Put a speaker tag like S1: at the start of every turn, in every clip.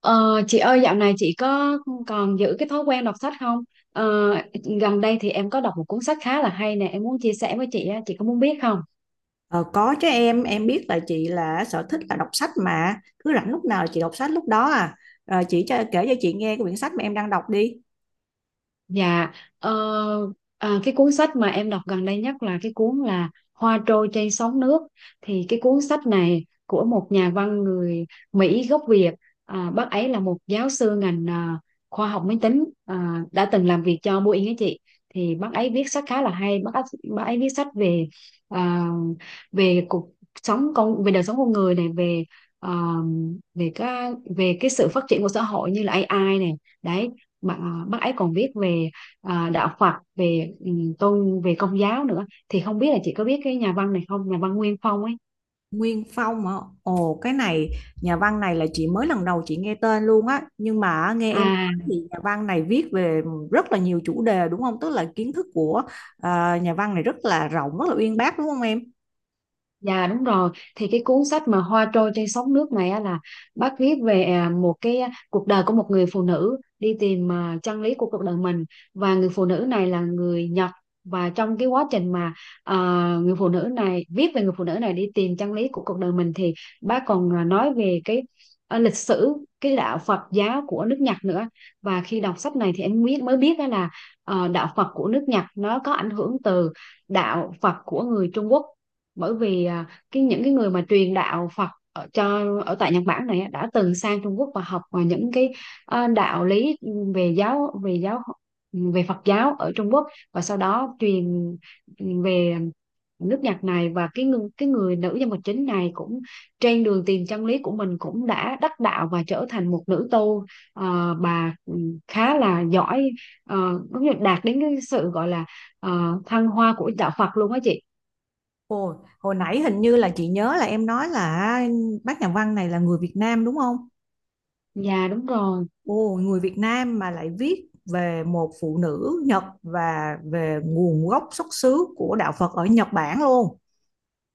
S1: Ờ, chị ơi dạo này chị có còn giữ cái thói quen đọc sách không? Ờ, gần đây thì em có đọc một cuốn sách khá là hay nè, em muốn chia sẻ với chị á, chị có muốn biết không?
S2: Ờ, có chứ em biết là chị là sở thích là đọc sách mà cứ rảnh lúc nào là chị đọc sách lúc đó à. Ờ, chị cho kể cho chị nghe cái quyển sách mà em đang đọc đi.
S1: Dạ, ờ, cái cuốn sách mà em đọc gần đây nhất là cái cuốn là Hoa trôi trên sóng nước. Thì cái cuốn sách này của một nhà văn người Mỹ gốc Việt. Bác ấy là một giáo sư ngành khoa học máy tính đã từng làm việc cho Boeing ấy chị. Thì bác ấy viết sách khá là hay. Bác ấy viết sách về à, về cuộc sống con về đời sống con người này, về à, về cái sự phát triển của xã hội như là AI này. Đấy mà bác ấy còn viết về đạo Phật về ừ, tôn về công giáo nữa, thì không biết là chị có biết cái nhà văn này không, nhà văn Nguyên Phong ấy.
S2: Nguyên Phong hả? Ồ, cái này nhà văn này là chị mới lần đầu chị nghe tên luôn á, nhưng mà nghe em nói
S1: à
S2: thì nhà văn này viết về rất là nhiều chủ đề đúng không, tức là kiến thức của nhà văn này rất là rộng, rất là uyên bác, đúng không em?
S1: Dạ đúng rồi, thì cái cuốn sách mà Hoa trôi trên sóng nước này á là bác viết về cuộc đời của một người phụ nữ đi tìm chân lý của cuộc đời mình, và người phụ nữ này là người Nhật. Và trong cái quá trình mà à, người phụ nữ này đi tìm chân lý của cuộc đời mình thì bác còn nói về lịch sử cái đạo Phật giáo của nước Nhật nữa. Và khi đọc sách này thì em mới biết đó là, đạo Phật của nước Nhật nó có ảnh hưởng từ đạo Phật của người Trung Quốc, bởi vì à, cái những cái người mà truyền đạo Phật ở cho ở tại Nhật Bản này á, đã từng sang Trung Quốc và học đạo lý, về giáo về giáo về Phật giáo ở Trung Quốc và sau đó truyền về nước Nhật này. Và cái người nữ nhân vật chính này cũng trên đường tìm chân lý của mình cũng đã đắc đạo và trở thành một nữ tu, bà khá là giỏi, ờ, cũng như đạt đến cái sự gọi là thăng hoa của đạo Phật luôn á chị.
S2: Ồ, hồi nãy hình như là chị nhớ là em nói là bác nhà văn này là người Việt Nam đúng không?
S1: dạ đúng rồi
S2: Ồ, người Việt Nam mà lại viết về một phụ nữ Nhật và về nguồn gốc xuất xứ của đạo Phật ở Nhật Bản luôn.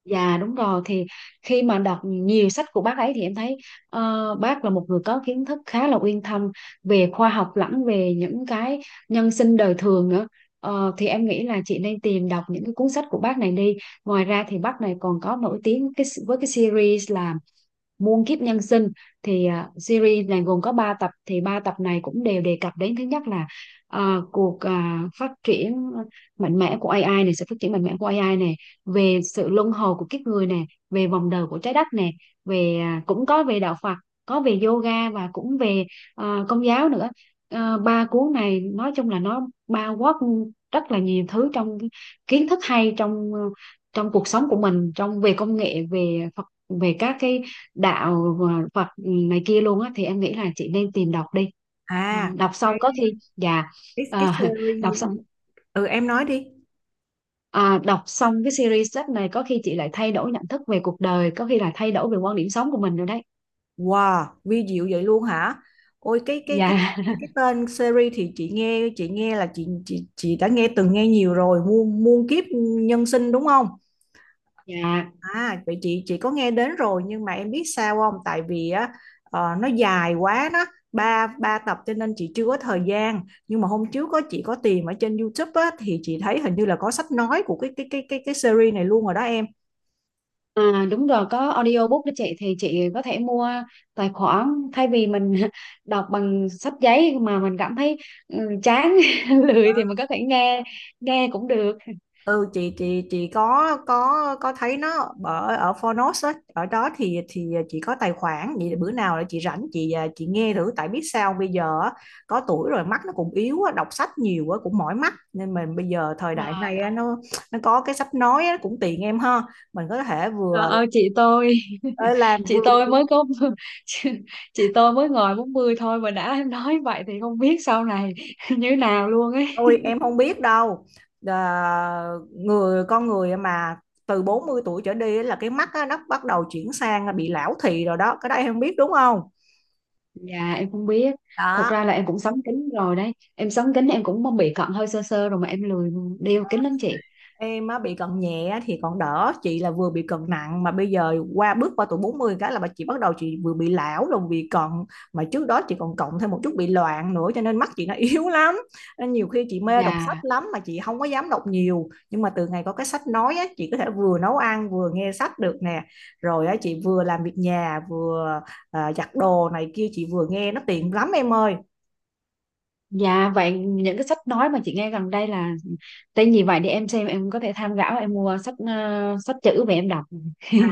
S1: Dạ đúng rồi, thì khi mà đọc nhiều sách của bác ấy thì em thấy bác là một người có kiến thức khá là uyên thâm về khoa học lẫn về những cái nhân sinh đời thường nữa. Thì em nghĩ là chị nên tìm đọc những cái cuốn sách của bác này đi. Ngoài ra thì bác này còn có nổi tiếng cái, với cái series là Muôn kiếp nhân sinh. Thì series này gồm có 3 tập, thì 3 tập này cũng đều đề cập đến thứ nhất là phát triển mạnh mẽ của AI này, sự phát triển mạnh mẽ của AI này, về sự luân hồi của kiếp người này, về vòng đời của trái đất này, về cũng có về đạo Phật, có về yoga, và cũng về công giáo nữa. À, 3 cuốn này nói chung là nó bao quát rất là nhiều thứ trong kiến thức hay trong trong cuộc sống của mình, trong về công nghệ, về Phật, về các cái Phật này kia luôn á, thì em nghĩ là chị nên tìm đọc đi. Ờ,
S2: À,
S1: đọc xong có
S2: cái
S1: khi dạ ờ, đọc
S2: series,
S1: xong
S2: ừ, em nói đi.
S1: đọc xong cái series sách này có khi chị lại thay đổi nhận thức về cuộc đời, có khi là thay đổi về quan điểm sống của mình rồi đấy.
S2: Wow, vi diệu vậy luôn hả? Ôi, cái
S1: Dạ
S2: tên series thì chị nghe, là chị đã từng nghe nhiều rồi, muôn muôn kiếp nhân sinh đúng không?
S1: dạ
S2: À, vậy chị có nghe đến rồi, nhưng mà em biết sao không? Tại vì á, ờ, nó dài quá đó, ba ba tập cho nên chị chưa có thời gian. Nhưng mà hôm trước chị có tìm ở trên YouTube á thì chị thấy hình như là có sách nói của cái series này luôn rồi đó em.
S1: đúng rồi, có audiobook đó chị, thì chị có thể mua tài khoản, thay vì mình đọc bằng sách giấy mà mình cảm thấy ừ, chán lười thì mình có thể nghe nghe cũng được.
S2: Ừ, chị có thấy nó ở ở phonos á, ở đó thì chị có tài khoản, vậy bữa nào là chị rảnh chị nghe thử. Tại biết sao bây giờ á, có tuổi rồi mắt nó cũng yếu á, đọc sách nhiều á cũng mỏi mắt, nên mình bây giờ thời
S1: Rồi
S2: đại này á, nó có cái sách nói á, cũng tiện em ha. Mình có thể
S1: Trời
S2: vừa
S1: ơi chị tôi
S2: ờ, làm
S1: chị
S2: vừa
S1: tôi mới có chị, chị tôi mới ngồi 40 thôi mà đã em nói vậy thì không biết sau này như thế nào luôn ấy.
S2: thôi em không biết đâu. à, Người con người mà từ 40 tuổi trở đi á là cái mắt á, nó bắt đầu chuyển sang bị lão thị rồi đó, cái đó em không biết đúng không?
S1: Dạ em không biết. Thật
S2: Đó
S1: ra là em cũng sắm kính rồi đấy, em sắm kính, em cũng bị cận hơi sơ sơ rồi mà em lười đeo kính lắm chị.
S2: em á, bị cận nhẹ thì còn đỡ, chị là vừa bị cận nặng mà bây giờ bước qua tuổi 40 cái là bà chị bắt đầu, chị vừa bị lão rồi bị cận, mà trước đó chị còn cộng thêm một chút bị loạn nữa cho nên mắt chị nó yếu lắm. Nên nhiều khi chị mê đọc sách
S1: Dạ
S2: lắm mà chị không có dám đọc nhiều, nhưng mà từ ngày có cái sách nói á chị có thể vừa nấu ăn vừa nghe sách được nè. Rồi á, chị vừa làm việc nhà vừa giặt đồ này kia, chị vừa nghe, nó tiện lắm em ơi.
S1: dạ Vậy những cái sách nói mà chị nghe gần đây là tên gì vậy, để em xem em có thể tham khảo, em mua sách sách chữ về em đọc.
S2: À,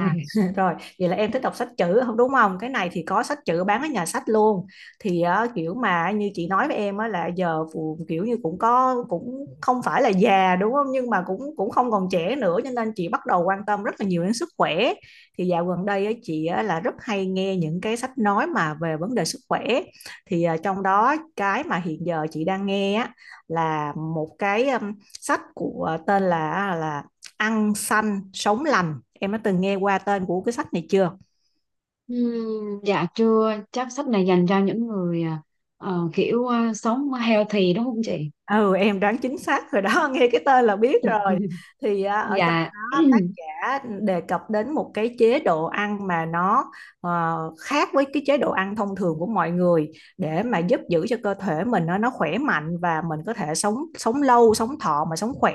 S2: rồi, vậy là em thích đọc sách chữ không đúng không? Cái này thì có sách chữ bán ở nhà sách luôn. Thì kiểu mà như chị nói với em á là giờ kiểu như cũng có, cũng không phải là già đúng không? Nhưng mà cũng cũng không còn trẻ nữa, cho nên chị bắt đầu quan tâm rất là nhiều đến sức khỏe. Thì dạo gần đây á, chị á, là rất hay nghe những cái sách nói mà về vấn đề sức khỏe. Thì trong đó cái mà hiện giờ chị đang nghe á là một cái sách của tên là là ăn xanh sống lành, em đã từng nghe qua tên của cái sách này chưa?
S1: Dạ chưa, chắc sách này dành cho những người sống healthy đúng không chị.
S2: Ừ, em đoán chính xác rồi đó, nghe cái tên là biết rồi. Thì ở trong
S1: dạ
S2: đó tác giả đề cập đến một cái chế độ ăn mà nó khác với cái chế độ ăn thông thường của mọi người, để mà giúp giữ cho cơ thể mình nó khỏe mạnh và mình có thể sống sống lâu sống thọ mà sống khỏe,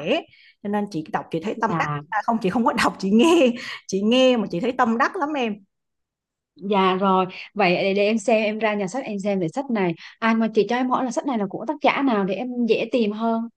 S2: cho nên chị đọc chị thấy tâm đắc.
S1: dạ
S2: À, không, chị không có đọc, chị nghe, chị nghe mà chị thấy tâm đắc lắm em.
S1: dạ rồi Vậy để em xem em ra nhà sách em xem về sách này, ai mà chị cho em hỏi là sách này là của tác giả nào để em dễ tìm hơn.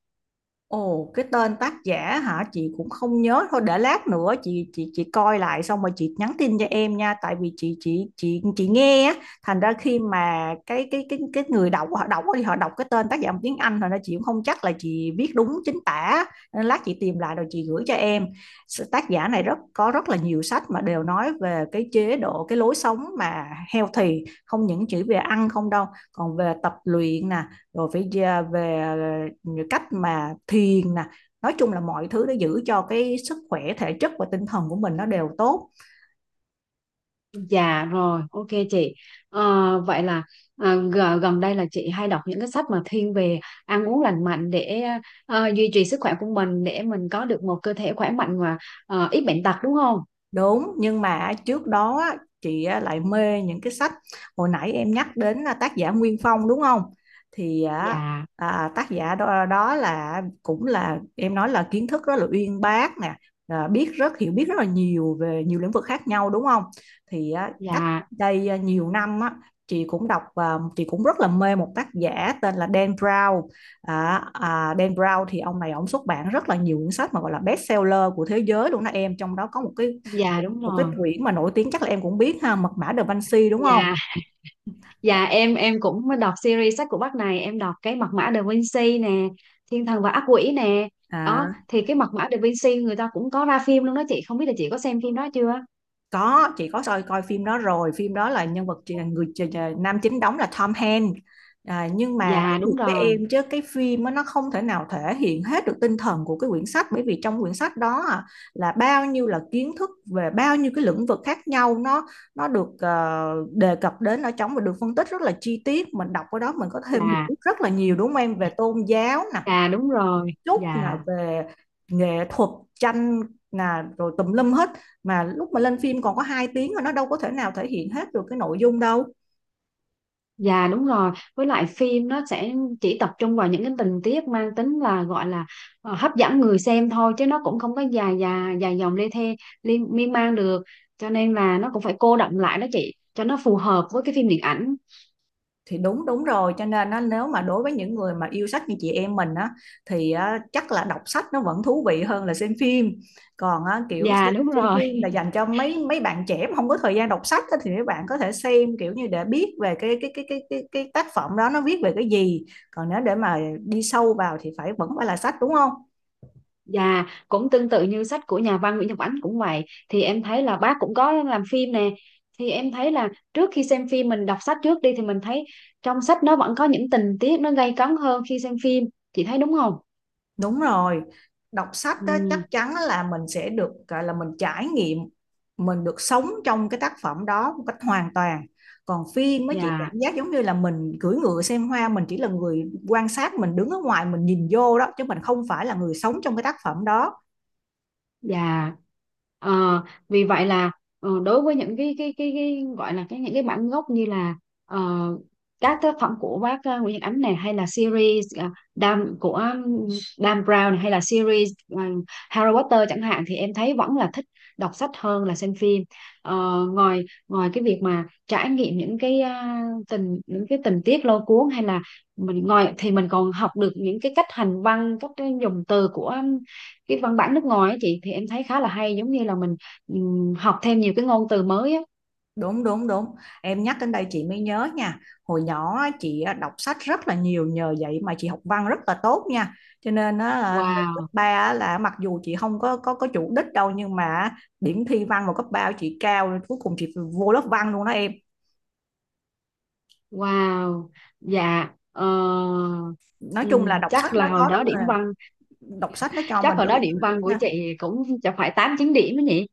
S2: Ồ, cái tên tác giả hả, chị cũng không nhớ, thôi để lát nữa chị coi lại xong rồi chị nhắn tin cho em nha. Tại vì chị nghe á, thành ra khi mà cái người đọc họ đọc thì họ đọc cái tên tác giả bằng tiếng Anh, thành ra chị cũng không chắc là chị viết đúng chính tả, nên lát chị tìm lại rồi chị gửi cho em. Tác giả này rất là nhiều sách mà đều nói về cái chế độ, cái lối sống mà healthy, không những chỉ về ăn không đâu, còn về tập luyện nè, rồi phải về cách mà thiền nè, nói chung là mọi thứ để giữ cho cái sức khỏe thể chất và tinh thần của mình nó đều tốt.
S1: Dạ rồi, ok chị. Vậy là gần đây là chị hay đọc những cái sách mà thiên về ăn uống lành mạnh để duy trì sức khỏe của mình, để mình có được một cơ thể khỏe mạnh và ít bệnh tật đúng không.
S2: Đúng, nhưng mà trước đó á, chị á, lại mê những cái sách hồi nãy em nhắc đến, là tác giả Nguyên Phong đúng không? Thì á,
S1: Dạ
S2: tác giả đó, đó cũng là em nói là kiến thức rất là uyên bác nè, biết rất hiểu biết rất là nhiều về nhiều lĩnh vực khác nhau đúng không? Thì á, cách
S1: dạ
S2: đây nhiều năm á, chị cũng rất là mê một tác giả tên là Dan Brown. À, Dan Brown thì ông này ông xuất bản rất là nhiều cuốn sách mà gọi là best seller của thế giới luôn đó em, trong đó có
S1: dạ đúng
S2: một cái
S1: rồi
S2: quyển mà nổi tiếng chắc là em cũng biết ha, mật mã Da Vinci đúng không?
S1: dạ Dạ em cũng mới đọc series sách của bác này, em đọc cái Mật mã Da Vinci nè, Thiên thần và ác quỷ nè. Đó
S2: à
S1: thì cái Mật mã Da Vinci người ta cũng có ra phim luôn đó chị, không biết là chị có xem phim đó chưa.
S2: có, chị có coi coi phim đó rồi, phim đó là nhân vật người nam chính đóng là Tom Hanks. Nhưng mà nói
S1: Dạ
S2: thiệt
S1: đúng
S2: với
S1: rồi
S2: em chứ cái phim á, nó không thể nào thể hiện hết được tinh thần của cái quyển sách, bởi vì trong quyển sách đó là bao nhiêu là kiến thức về bao nhiêu cái lĩnh vực khác nhau, nó được đề cập đến ở trong và được phân tích rất là chi tiết, mình đọc ở đó mình có thêm hiểu
S1: dạ
S2: biết rất là nhiều đúng không em, về tôn giáo nè,
S1: dạ đúng rồi
S2: chút
S1: dạ
S2: là về nghệ thuật, tranh, là rồi tùm lum hết, mà lúc mà lên phim còn có 2 tiếng mà nó đâu có thể nào thể hiện hết được cái nội dung đâu.
S1: Dạ đúng rồi, với lại phim nó sẽ chỉ tập trung vào những cái tình tiết mang tính là gọi là hấp dẫn người xem thôi, chứ nó cũng không có dài dài dài dòng lê thê liên miên man được. Cho nên là nó cũng phải cô đọng lại đó chị cho nó phù hợp với cái phim điện ảnh.
S2: Thì đúng, đúng rồi, cho nên á, nếu mà đối với những người mà yêu sách như chị em mình á, thì á, chắc là đọc sách nó vẫn thú vị hơn là xem phim. Còn á, kiểu
S1: Dạ đúng
S2: xem
S1: rồi.
S2: phim là dành cho mấy mấy bạn trẻ mà không có thời gian đọc sách á, thì mấy bạn có thể xem kiểu như để biết về cái tác phẩm đó nó viết về cái gì, còn nếu để mà đi sâu vào thì vẫn phải là sách đúng không?
S1: Dạ cũng tương tự như sách của nhà văn Nguyễn Nhật Ánh cũng vậy, thì em thấy là bác cũng có làm phim nè. Thì em thấy là trước khi xem phim mình đọc sách trước đi thì mình thấy trong sách nó vẫn có những tình tiết nó gay cấn hơn khi xem phim. Chị thấy đúng không?
S2: Đúng rồi, đọc sách đó,
S1: Ừ.
S2: chắc chắn là mình sẽ được gọi là mình trải nghiệm, mình được sống trong cái tác phẩm đó một cách hoàn toàn. Còn phim mới chỉ
S1: dạ
S2: cảm giác giống như là mình cưỡi ngựa xem hoa, mình chỉ là người quan sát, mình đứng ở ngoài mình nhìn vô đó chứ mình không phải là người sống trong cái tác phẩm đó.
S1: dạ Ờ, vì vậy là đối với những cái gọi là cái những cái bản gốc như là, ờ, các tác phẩm của bác Nguyễn Nhật Ánh này, hay là series Dan Brown này, hay là series Harry Potter chẳng hạn, thì em thấy vẫn là thích đọc sách hơn là xem phim. Ờ, ngoài ngoài cái việc mà trải nghiệm những cái à, tình những cái tình tiết lôi cuốn hay là mình ngồi, thì mình còn học được những cái cách hành văn, cách dùng từ của cái văn bản nước ngoài ấy chị, thì em thấy khá là hay, giống như là mình học thêm nhiều cái ngôn từ mới á.
S2: Đúng, đúng, đúng, em nhắc đến đây chị mới nhớ nha, hồi nhỏ á, chị đọc sách rất là nhiều, nhờ vậy mà chị học văn rất là tốt nha, cho nên á, là lên cấp
S1: Wow
S2: 3 là mặc dù chị không có chủ đích đâu nhưng mà điểm thi văn vào cấp 3 của chị cao, rồi cuối cùng chị vô lớp văn luôn đó em.
S1: wow dạ
S2: Nói chung là
S1: chắc là hồi đó điểm văn,
S2: đọc sách nó cho
S1: chắc
S2: mình
S1: hồi
S2: rất
S1: đó
S2: là
S1: điểm
S2: nhiều lợi
S1: văn
S2: ích
S1: của
S2: ha.
S1: chị cũng chẳng phải tám chín điểm đó nhỉ.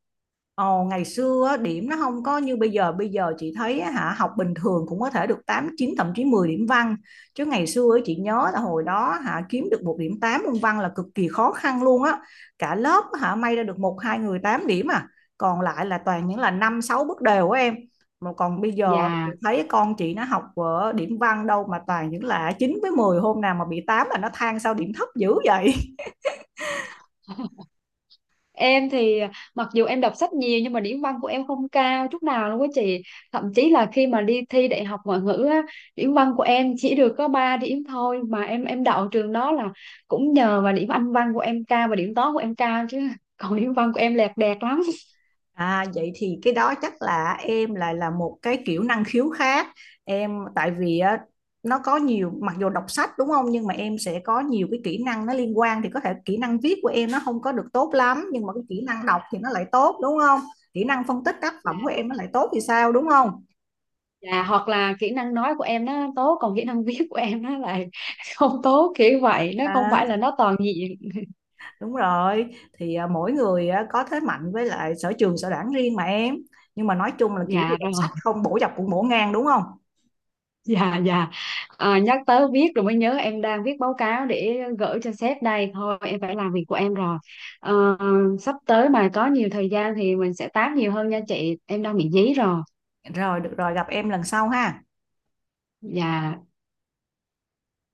S2: Ồ, ngày xưa điểm nó không có như bây giờ, bây giờ chị thấy á, hả, học bình thường cũng có thể được 8, 9, thậm chí 10 điểm văn, chứ ngày xưa chị nhớ là hồi đó hả, kiếm được một điểm 8 môn văn là cực kỳ khó khăn luôn á, cả lớp hả may ra được 1, 2 người 8 điểm à, còn lại là toàn những là 5, 6 bước đều á em, mà còn bây giờ chị
S1: Dạ
S2: thấy con chị nó học ở điểm văn đâu mà toàn những là 9 với 10, hôm nào mà bị 8 là nó than sao điểm thấp dữ vậy.
S1: Em thì mặc dù em đọc sách nhiều nhưng mà điểm văn của em không cao chút nào luôn á chị. Thậm chí là khi mà đi thi đại học ngoại ngữ á, điểm văn của em chỉ được có 3 điểm thôi, mà em đậu trường đó là cũng nhờ vào điểm Anh văn của em cao và điểm toán của em cao chứ. Còn điểm văn của em lẹt đẹt lắm.
S2: À, vậy thì cái đó chắc là em lại là một cái kiểu năng khiếu khác. Em tại vì á, nó có nhiều, mặc dù đọc sách đúng không, nhưng mà em sẽ có nhiều cái kỹ năng nó liên quan, thì có thể kỹ năng viết của em nó không có được tốt lắm nhưng mà cái kỹ năng đọc thì nó lại tốt đúng không? Kỹ năng phân tích tác phẩm
S1: Dạ,
S2: của em nó lại tốt thì sao đúng không?
S1: dạ, hoặc là kỹ năng nói của em nó tốt còn kỹ năng viết của em nó lại không tốt kiểu vậy, nó không
S2: À,
S1: phải là nó toàn diện.
S2: đúng rồi, thì mỗi người á, có thế mạnh với lại sở trường sở đoản riêng mà em, nhưng mà nói chung là kiểu gì
S1: Dạ
S2: đọc
S1: rồi.
S2: sách không bổ dọc cũng bổ ngang đúng không?
S1: Dạ dạ Nhắc tới viết rồi mới nhớ, em đang viết báo cáo để gửi cho sếp đây, thôi em phải làm việc của em rồi. Ờ, sắp tới mà có nhiều thời gian thì mình sẽ tám nhiều hơn nha chị, em đang bị dí rồi.
S2: Rồi được rồi, gặp em lần sau ha.
S1: Dạ